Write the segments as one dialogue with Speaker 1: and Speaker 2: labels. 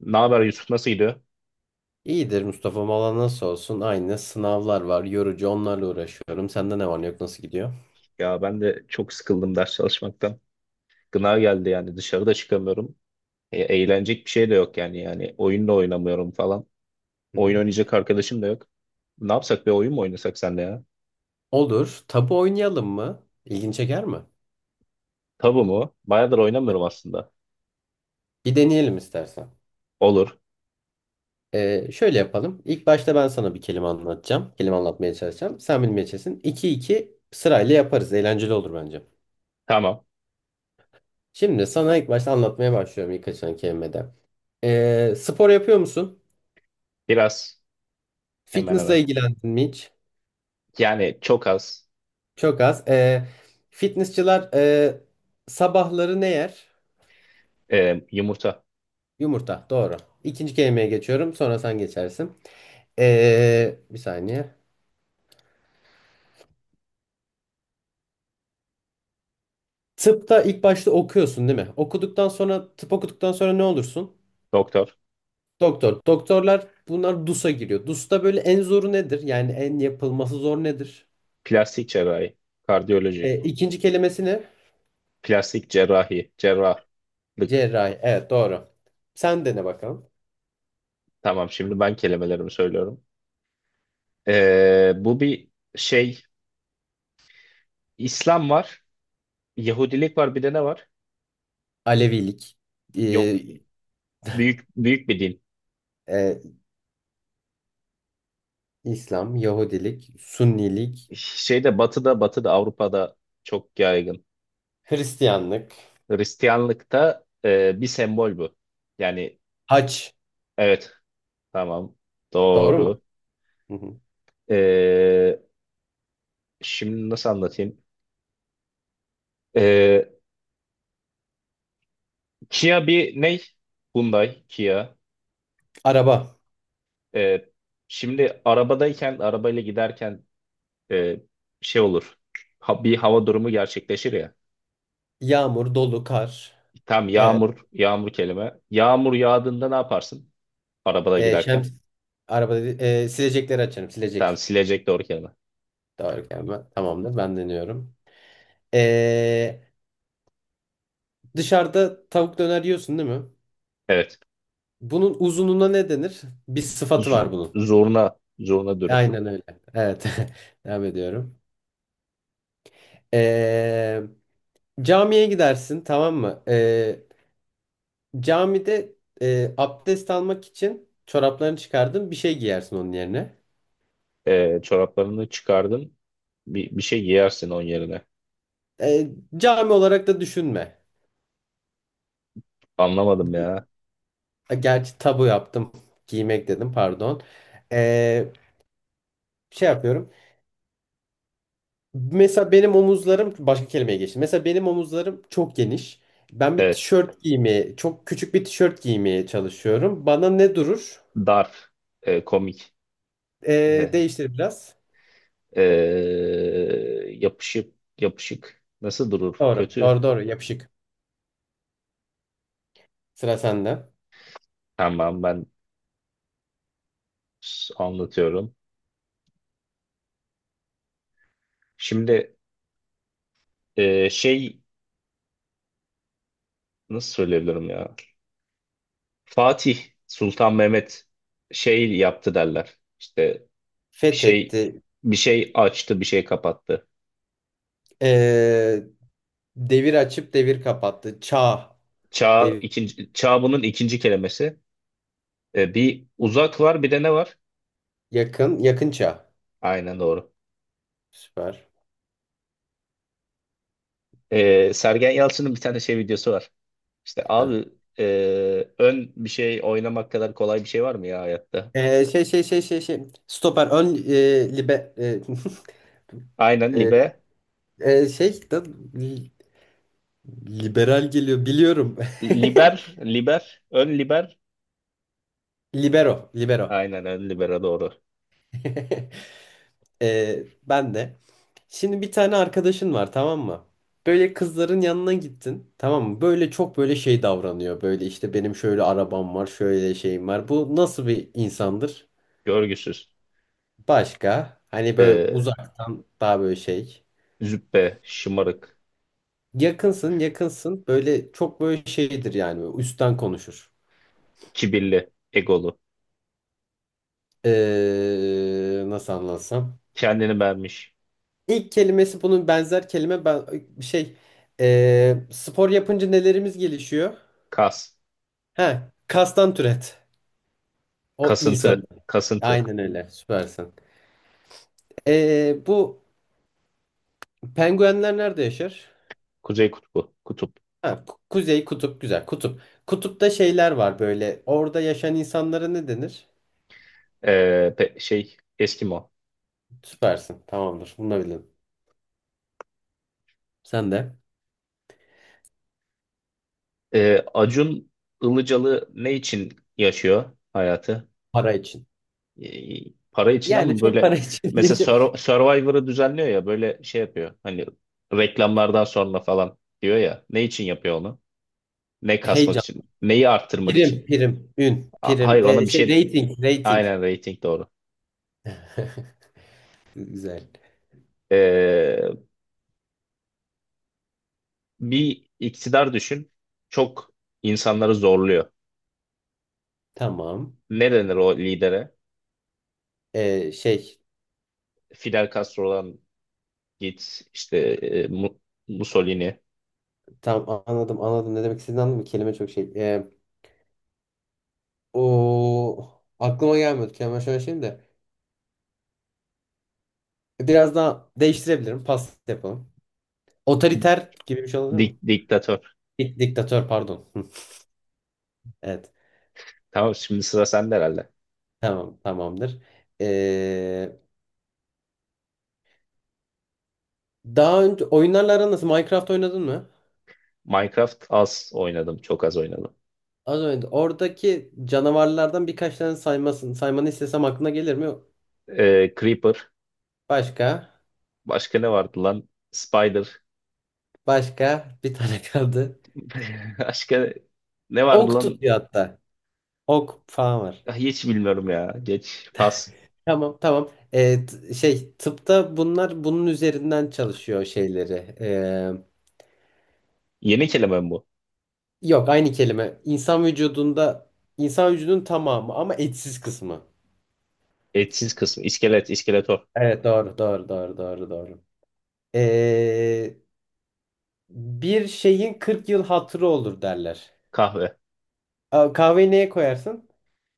Speaker 1: Ne haber Yusuf, nasıl gidiyor?
Speaker 2: İyidir Mustafa. Valla nasıl olsun? Aynı, sınavlar var. Yorucu, onlarla uğraşıyorum. Sende ne var ne yok, nasıl gidiyor?
Speaker 1: Ya ben de çok sıkıldım ders çalışmaktan. Gına geldi, yani dışarıda çıkamıyorum. Eğlenecek bir şey de yok yani. Yani oyun da oynamıyorum falan.
Speaker 2: Hı hı.
Speaker 1: Oyun oynayacak arkadaşım da yok. Ne yapsak, bir oyun mu oynasak senle ya?
Speaker 2: Olur. Tabu oynayalım mı? İlgin çeker mi?
Speaker 1: Tabu mu? Bayağıdır
Speaker 2: E,
Speaker 1: oynamıyorum aslında.
Speaker 2: Bir deneyelim istersen.
Speaker 1: Olur.
Speaker 2: Şöyle yapalım. İlk başta ben sana bir kelime anlatacağım. Kelime anlatmaya çalışacağım. Sen bilmeye çalışsın. İki iki sırayla yaparız. Eğlenceli olur bence.
Speaker 1: Tamam.
Speaker 2: Şimdi sana ilk başta anlatmaya başlıyorum ilk açılan kelimede. Spor yapıyor musun?
Speaker 1: Biraz. Hemen
Speaker 2: Fitness'la
Speaker 1: hemen.
Speaker 2: ilgilendin mi hiç?
Speaker 1: Yani çok az.
Speaker 2: Çok az. Fitnessçılar sabahları ne yer?
Speaker 1: Yumurta.
Speaker 2: Yumurta. Doğru. İkinci kelimeye geçiyorum. Sonra sen geçersin. Bir saniye. Tıpta ilk başta okuyorsun değil mi? Okuduktan sonra tıp okuduktan sonra ne olursun?
Speaker 1: Doktor.
Speaker 2: Doktor. Doktorlar bunlar DUS'a giriyor. DUS'ta böyle en zoru nedir? Yani en yapılması zor nedir?
Speaker 1: Plastik cerrahi. Kardiyoloji.
Speaker 2: İkinci kelimesi ne?
Speaker 1: Plastik cerrahi. Cerrahlık.
Speaker 2: Cerrahi. Evet, doğru. Sen dene bakalım.
Speaker 1: Tamam, şimdi ben kelimelerimi söylüyorum. Bu bir şey, İslam var, Yahudilik var, bir de ne var?
Speaker 2: Alevilik.
Speaker 1: Yok,
Speaker 2: Ee,
Speaker 1: büyük büyük bir din.
Speaker 2: e, İslam, Yahudilik, Sünnilik,
Speaker 1: Şeyde Batı'da, Batı'da, Avrupa'da çok yaygın.
Speaker 2: Hristiyanlık,
Speaker 1: Hristiyanlıkta bir sembol bu. Yani
Speaker 2: haç,
Speaker 1: evet, tamam,
Speaker 2: doğru mu?
Speaker 1: doğru.
Speaker 2: Hı hı.
Speaker 1: E, Şimdi nasıl anlatayım? E, Kia bir ne? Hyundai, Kia.
Speaker 2: Araba,
Speaker 1: E, Şimdi arabadayken, arabayla giderken e, şey olur. Bir hava durumu gerçekleşir ya.
Speaker 2: yağmur, dolu, kar.
Speaker 1: Tam
Speaker 2: Evet.
Speaker 1: yağmur, yağmur kelime. Yağmur yağdığında ne yaparsın? Arabada
Speaker 2: E,
Speaker 1: giderken.
Speaker 2: şems, araba dedi, silecekleri açarım,
Speaker 1: Tam
Speaker 2: silecek.
Speaker 1: silecek doğru kelime.
Speaker 2: Doğru gelme. Tamamdır, ben deniyorum. E, Dışarıda tavuk döner yiyorsun değil mi?
Speaker 1: Evet.
Speaker 2: Bunun uzunluğuna ne denir? Bir sıfatı var bunun.
Speaker 1: Zurna, zurna dürüm.
Speaker 2: Aynen öyle. Evet. Devam ediyorum. E, Camiye gidersin, tamam mı? Camide abdest almak için çoraplarını çıkardın, bir şey giyersin onun yerine.
Speaker 1: Çoraplarını çıkardın. Bir şey giyersin onun yerine.
Speaker 2: E, Cami olarak da düşünme.
Speaker 1: Anlamadım
Speaker 2: Gi-
Speaker 1: ya.
Speaker 2: Gerçi tabu yaptım. Giymek dedim, pardon. E, Şey yapıyorum. Mesela benim omuzlarım başka kelimeye geçti. Mesela benim omuzlarım çok geniş. Ben bir
Speaker 1: Evet.
Speaker 2: tişört giymeye, çok küçük bir tişört giymeye çalışıyorum. Bana ne durur?
Speaker 1: Darf. Komik. Ee,
Speaker 2: Değiştir biraz.
Speaker 1: ee, Yapışık, yapışık. Nasıl durur?
Speaker 2: Doğru, doğru,
Speaker 1: Kötü.
Speaker 2: doğru. Yapışık. Sıra sende.
Speaker 1: Tamam, ben anlatıyorum. Şimdi şey, nasıl söyleyebilirim ya? Fatih Sultan Mehmet şey yaptı derler. İşte bir şey,
Speaker 2: Fethetti.
Speaker 1: bir şey açtı, bir şey kapattı.
Speaker 2: E, Devir açıp devir kapattı. Çağ.
Speaker 1: Çağ,
Speaker 2: Devir.
Speaker 1: ikinci çağ bunun ikinci kelimesi. Bir uzak var, bir de ne var?
Speaker 2: Yakın. Yakın çağ.
Speaker 1: Aynen doğru.
Speaker 2: Süper.
Speaker 1: Sergen Yalçın'ın bir tane şey videosu var. İşte
Speaker 2: Heh.
Speaker 1: abi, e, ön bir şey oynamak kadar kolay bir şey var mı ya hayatta?
Speaker 2: Stoper. Ön e, libe, e,
Speaker 1: Aynen
Speaker 2: e,
Speaker 1: libe
Speaker 2: e, şey da, li- liberal geliyor. Biliyorum.
Speaker 1: liber liber ön liber.
Speaker 2: Libero. Libero.
Speaker 1: Aynen ön libero doğru.
Speaker 2: Ben de. Şimdi bir tane arkadaşın var, tamam mı? Böyle kızların yanına gittin, tamam mı? Böyle çok böyle şey davranıyor. Böyle işte benim şöyle arabam var, şöyle şeyim var. Bu nasıl bir insandır?
Speaker 1: Görgüsüz.
Speaker 2: Başka, hani böyle
Speaker 1: Ee,
Speaker 2: uzaktan daha böyle şey.
Speaker 1: Züppe, şımarık,
Speaker 2: Yakınsın, yakınsın, böyle çok böyle şeydir yani, böyle üstten konuşur.
Speaker 1: kibirli, egolu.
Speaker 2: Nasıl anlatsam.
Speaker 1: Kendini beğenmiş.
Speaker 2: İlk kelimesi bunun benzer kelime, ben e, şey spor yapınca nelerimiz gelişiyor?
Speaker 1: Kas.
Speaker 2: Ha, kastan türet. O insan.
Speaker 1: Kasıntı. Kasıntı.
Speaker 2: Aynen öyle. Süpersin. Bu penguenler nerede yaşar?
Speaker 1: Kuzey kutbu. Kutup.
Speaker 2: Ha, kuzey kutup, güzel kutup. Kutupta şeyler var böyle. Orada yaşayan insanlara ne denir?
Speaker 1: Ee, Şey, Eskimo.
Speaker 2: Süpersin. Tamamdır. Bunu da bildim. Sen de
Speaker 1: Acun Ilıcalı ne için yaşıyor hayatı?
Speaker 2: para için.
Speaker 1: E, para için,
Speaker 2: Yani
Speaker 1: ama
Speaker 2: çok
Speaker 1: böyle
Speaker 2: para için.
Speaker 1: mesela Survivor'ı düzenliyor ya, böyle şey yapıyor. Hani reklamlardan sonra falan diyor ya. Ne için yapıyor onu? Ne kasmak
Speaker 2: Heyecan.
Speaker 1: için? Neyi arttırmak
Speaker 2: Prim,
Speaker 1: için?
Speaker 2: prim, ün, prim,
Speaker 1: Hayır,
Speaker 2: e,
Speaker 1: ona bir
Speaker 2: şey
Speaker 1: şey,
Speaker 2: rating, rating.
Speaker 1: aynen rating doğru.
Speaker 2: Güzel.
Speaker 1: Ee, Bir iktidar düşün. Çok insanları zorluyor.
Speaker 2: Tamam.
Speaker 1: Ne denir o lidere?
Speaker 2: E, şey,
Speaker 1: Fidel Castro'dan git işte, Mussolini,
Speaker 2: tam anladım, anladım. Ne demek istediğini anladım. Kelime çok şey. O aklıma gelmiyordu. Kelime şöyle şeyim de. Biraz daha değiştirebilirim. Pas yapalım. Otoriter gibi bir şey olabilir mi?
Speaker 1: diktatör.
Speaker 2: Diktatör, pardon. Evet.
Speaker 1: Tamam, şimdi sıra sende herhalde.
Speaker 2: Tamam, tamamdır. E, Daha önce oyunlarla aran nasıl? Minecraft oynadın mı?
Speaker 1: Minecraft az oynadım, çok az oynadım.
Speaker 2: Az önce oradaki canavarlardan birkaç tane saymasın. Saymanı istesem aklına gelir mi?
Speaker 1: Creeper.
Speaker 2: Başka.
Speaker 1: Başka ne vardı lan? Spider.
Speaker 2: Başka. Bir tane kaldı.
Speaker 1: Başka ne vardı
Speaker 2: Ok
Speaker 1: lan?
Speaker 2: tutuyor hatta. Ok falan var.
Speaker 1: Ah, hiç bilmiyorum ya. Geç. Pas.
Speaker 2: Tamam, tamam. Tıpta bunlar bunun üzerinden çalışıyor şeyleri. Ee,
Speaker 1: Yeni kelime mi bu?
Speaker 2: Yok, aynı kelime. İnsan vücudunda insan vücudunun tamamı, ama etsiz kısmı.
Speaker 1: Etsiz kısmı. İskelet, iskeletor.
Speaker 2: Evet, doğru doğru doğru doğru doğru. Ee, Bir şeyin 40 yıl hatırı olur derler.
Speaker 1: Kahve.
Speaker 2: A, kahveyi neye koyarsın?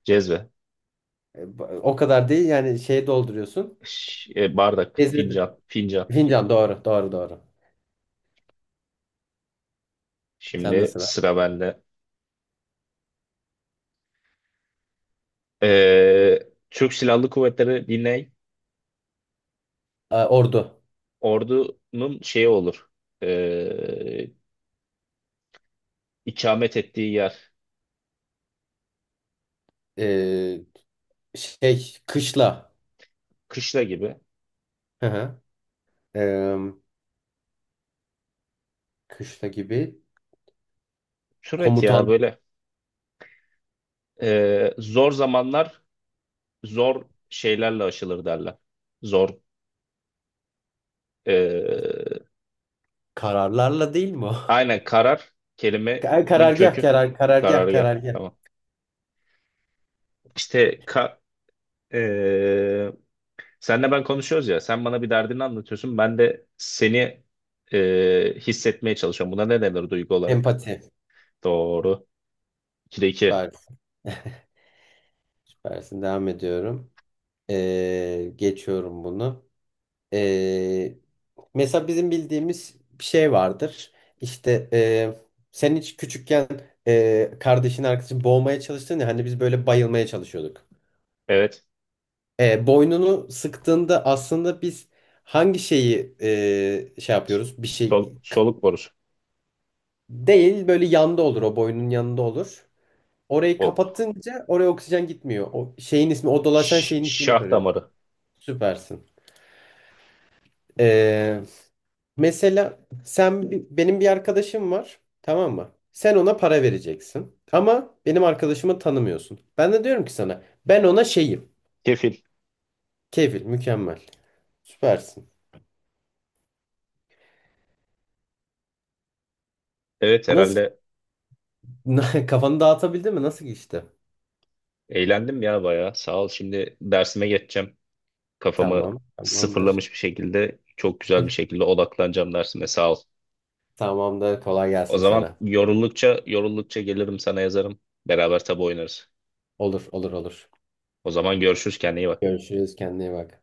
Speaker 1: Cezve.
Speaker 2: O kadar değil yani, şeye dolduruyorsun.
Speaker 1: Bardak.
Speaker 2: Ezbede.
Speaker 1: Fincan. Fincan.
Speaker 2: Fincan, doğru doğru doğru. Sen de
Speaker 1: Şimdi
Speaker 2: sıra.
Speaker 1: sıra bende. Ee, Türk Silahlı Kuvvetleri dinley.
Speaker 2: A, ordu.
Speaker 1: Ordunun şeyi olur. Ee, ikamet ettiği yer.
Speaker 2: E, Şey, kışla.
Speaker 1: Kışla gibi.
Speaker 2: Hı hı. E, Kışla gibi.
Speaker 1: Türet ya
Speaker 2: Komutan
Speaker 1: böyle. Zor zamanlar zor şeylerle aşılır derler. Zor. e,
Speaker 2: kararlarla değil mi o?
Speaker 1: aynen karar, kelimenin
Speaker 2: Karargah,
Speaker 1: kökü.
Speaker 2: karar, karargah,
Speaker 1: Karargah.
Speaker 2: karargah.
Speaker 1: Tamam. İşte e, senle ben konuşuyoruz ya. Sen bana bir derdini anlatıyorsun. Ben de seni hissetmeye çalışıyorum. Buna ne denir duygu olarak?
Speaker 2: Empati.
Speaker 1: Doğru. 2'de 2.
Speaker 2: Süper. Süpersin. Devam ediyorum. Geçiyorum bunu. Ee, Mesela bizim bildiğimiz bir şey vardır. İşte sen hiç küçükken kardeşin arkadaşın boğmaya çalıştın ya, hani biz böyle bayılmaya çalışıyorduk.
Speaker 1: Evet.
Speaker 2: Boynunu sıktığında aslında biz hangi şeyi yapıyoruz? Bir şey k-
Speaker 1: Soluk borusu.
Speaker 2: değil, böyle yanda olur, o boynun yanında olur. Orayı
Speaker 1: O
Speaker 2: kapatınca oraya oksijen gitmiyor. O şeyin ismi, o dolaşan şeyin ismini
Speaker 1: şah
Speaker 2: soruyorum.
Speaker 1: damarı.
Speaker 2: Süpersin. E, Mesela sen benim bir arkadaşım var, tamam mı? Sen ona para vereceksin. Ama benim arkadaşımı tanımıyorsun. Ben de diyorum ki sana, ben ona şeyim.
Speaker 1: Kefil.
Speaker 2: Kefil, mükemmel. Süpersin.
Speaker 1: Evet
Speaker 2: Nasıl
Speaker 1: herhalde
Speaker 2: kafanı dağıtabildin mi? Nasıl geçti?
Speaker 1: eğlendim ya bayağı. Sağ ol. Şimdi dersime geçeceğim. Kafamı
Speaker 2: Tamam, tamamdır.
Speaker 1: sıfırlamış bir şekilde, çok güzel bir şekilde odaklanacağım dersime. Sağ ol.
Speaker 2: Tamamdır. Kolay
Speaker 1: O
Speaker 2: gelsin
Speaker 1: zaman
Speaker 2: sana.
Speaker 1: yoruldukça gelirim, sana yazarım. Beraber tabu oynarız.
Speaker 2: Olur, olur, olur.
Speaker 1: O zaman görüşürüz, kendine iyi bak.
Speaker 2: Görüşürüz. Kendine iyi bak.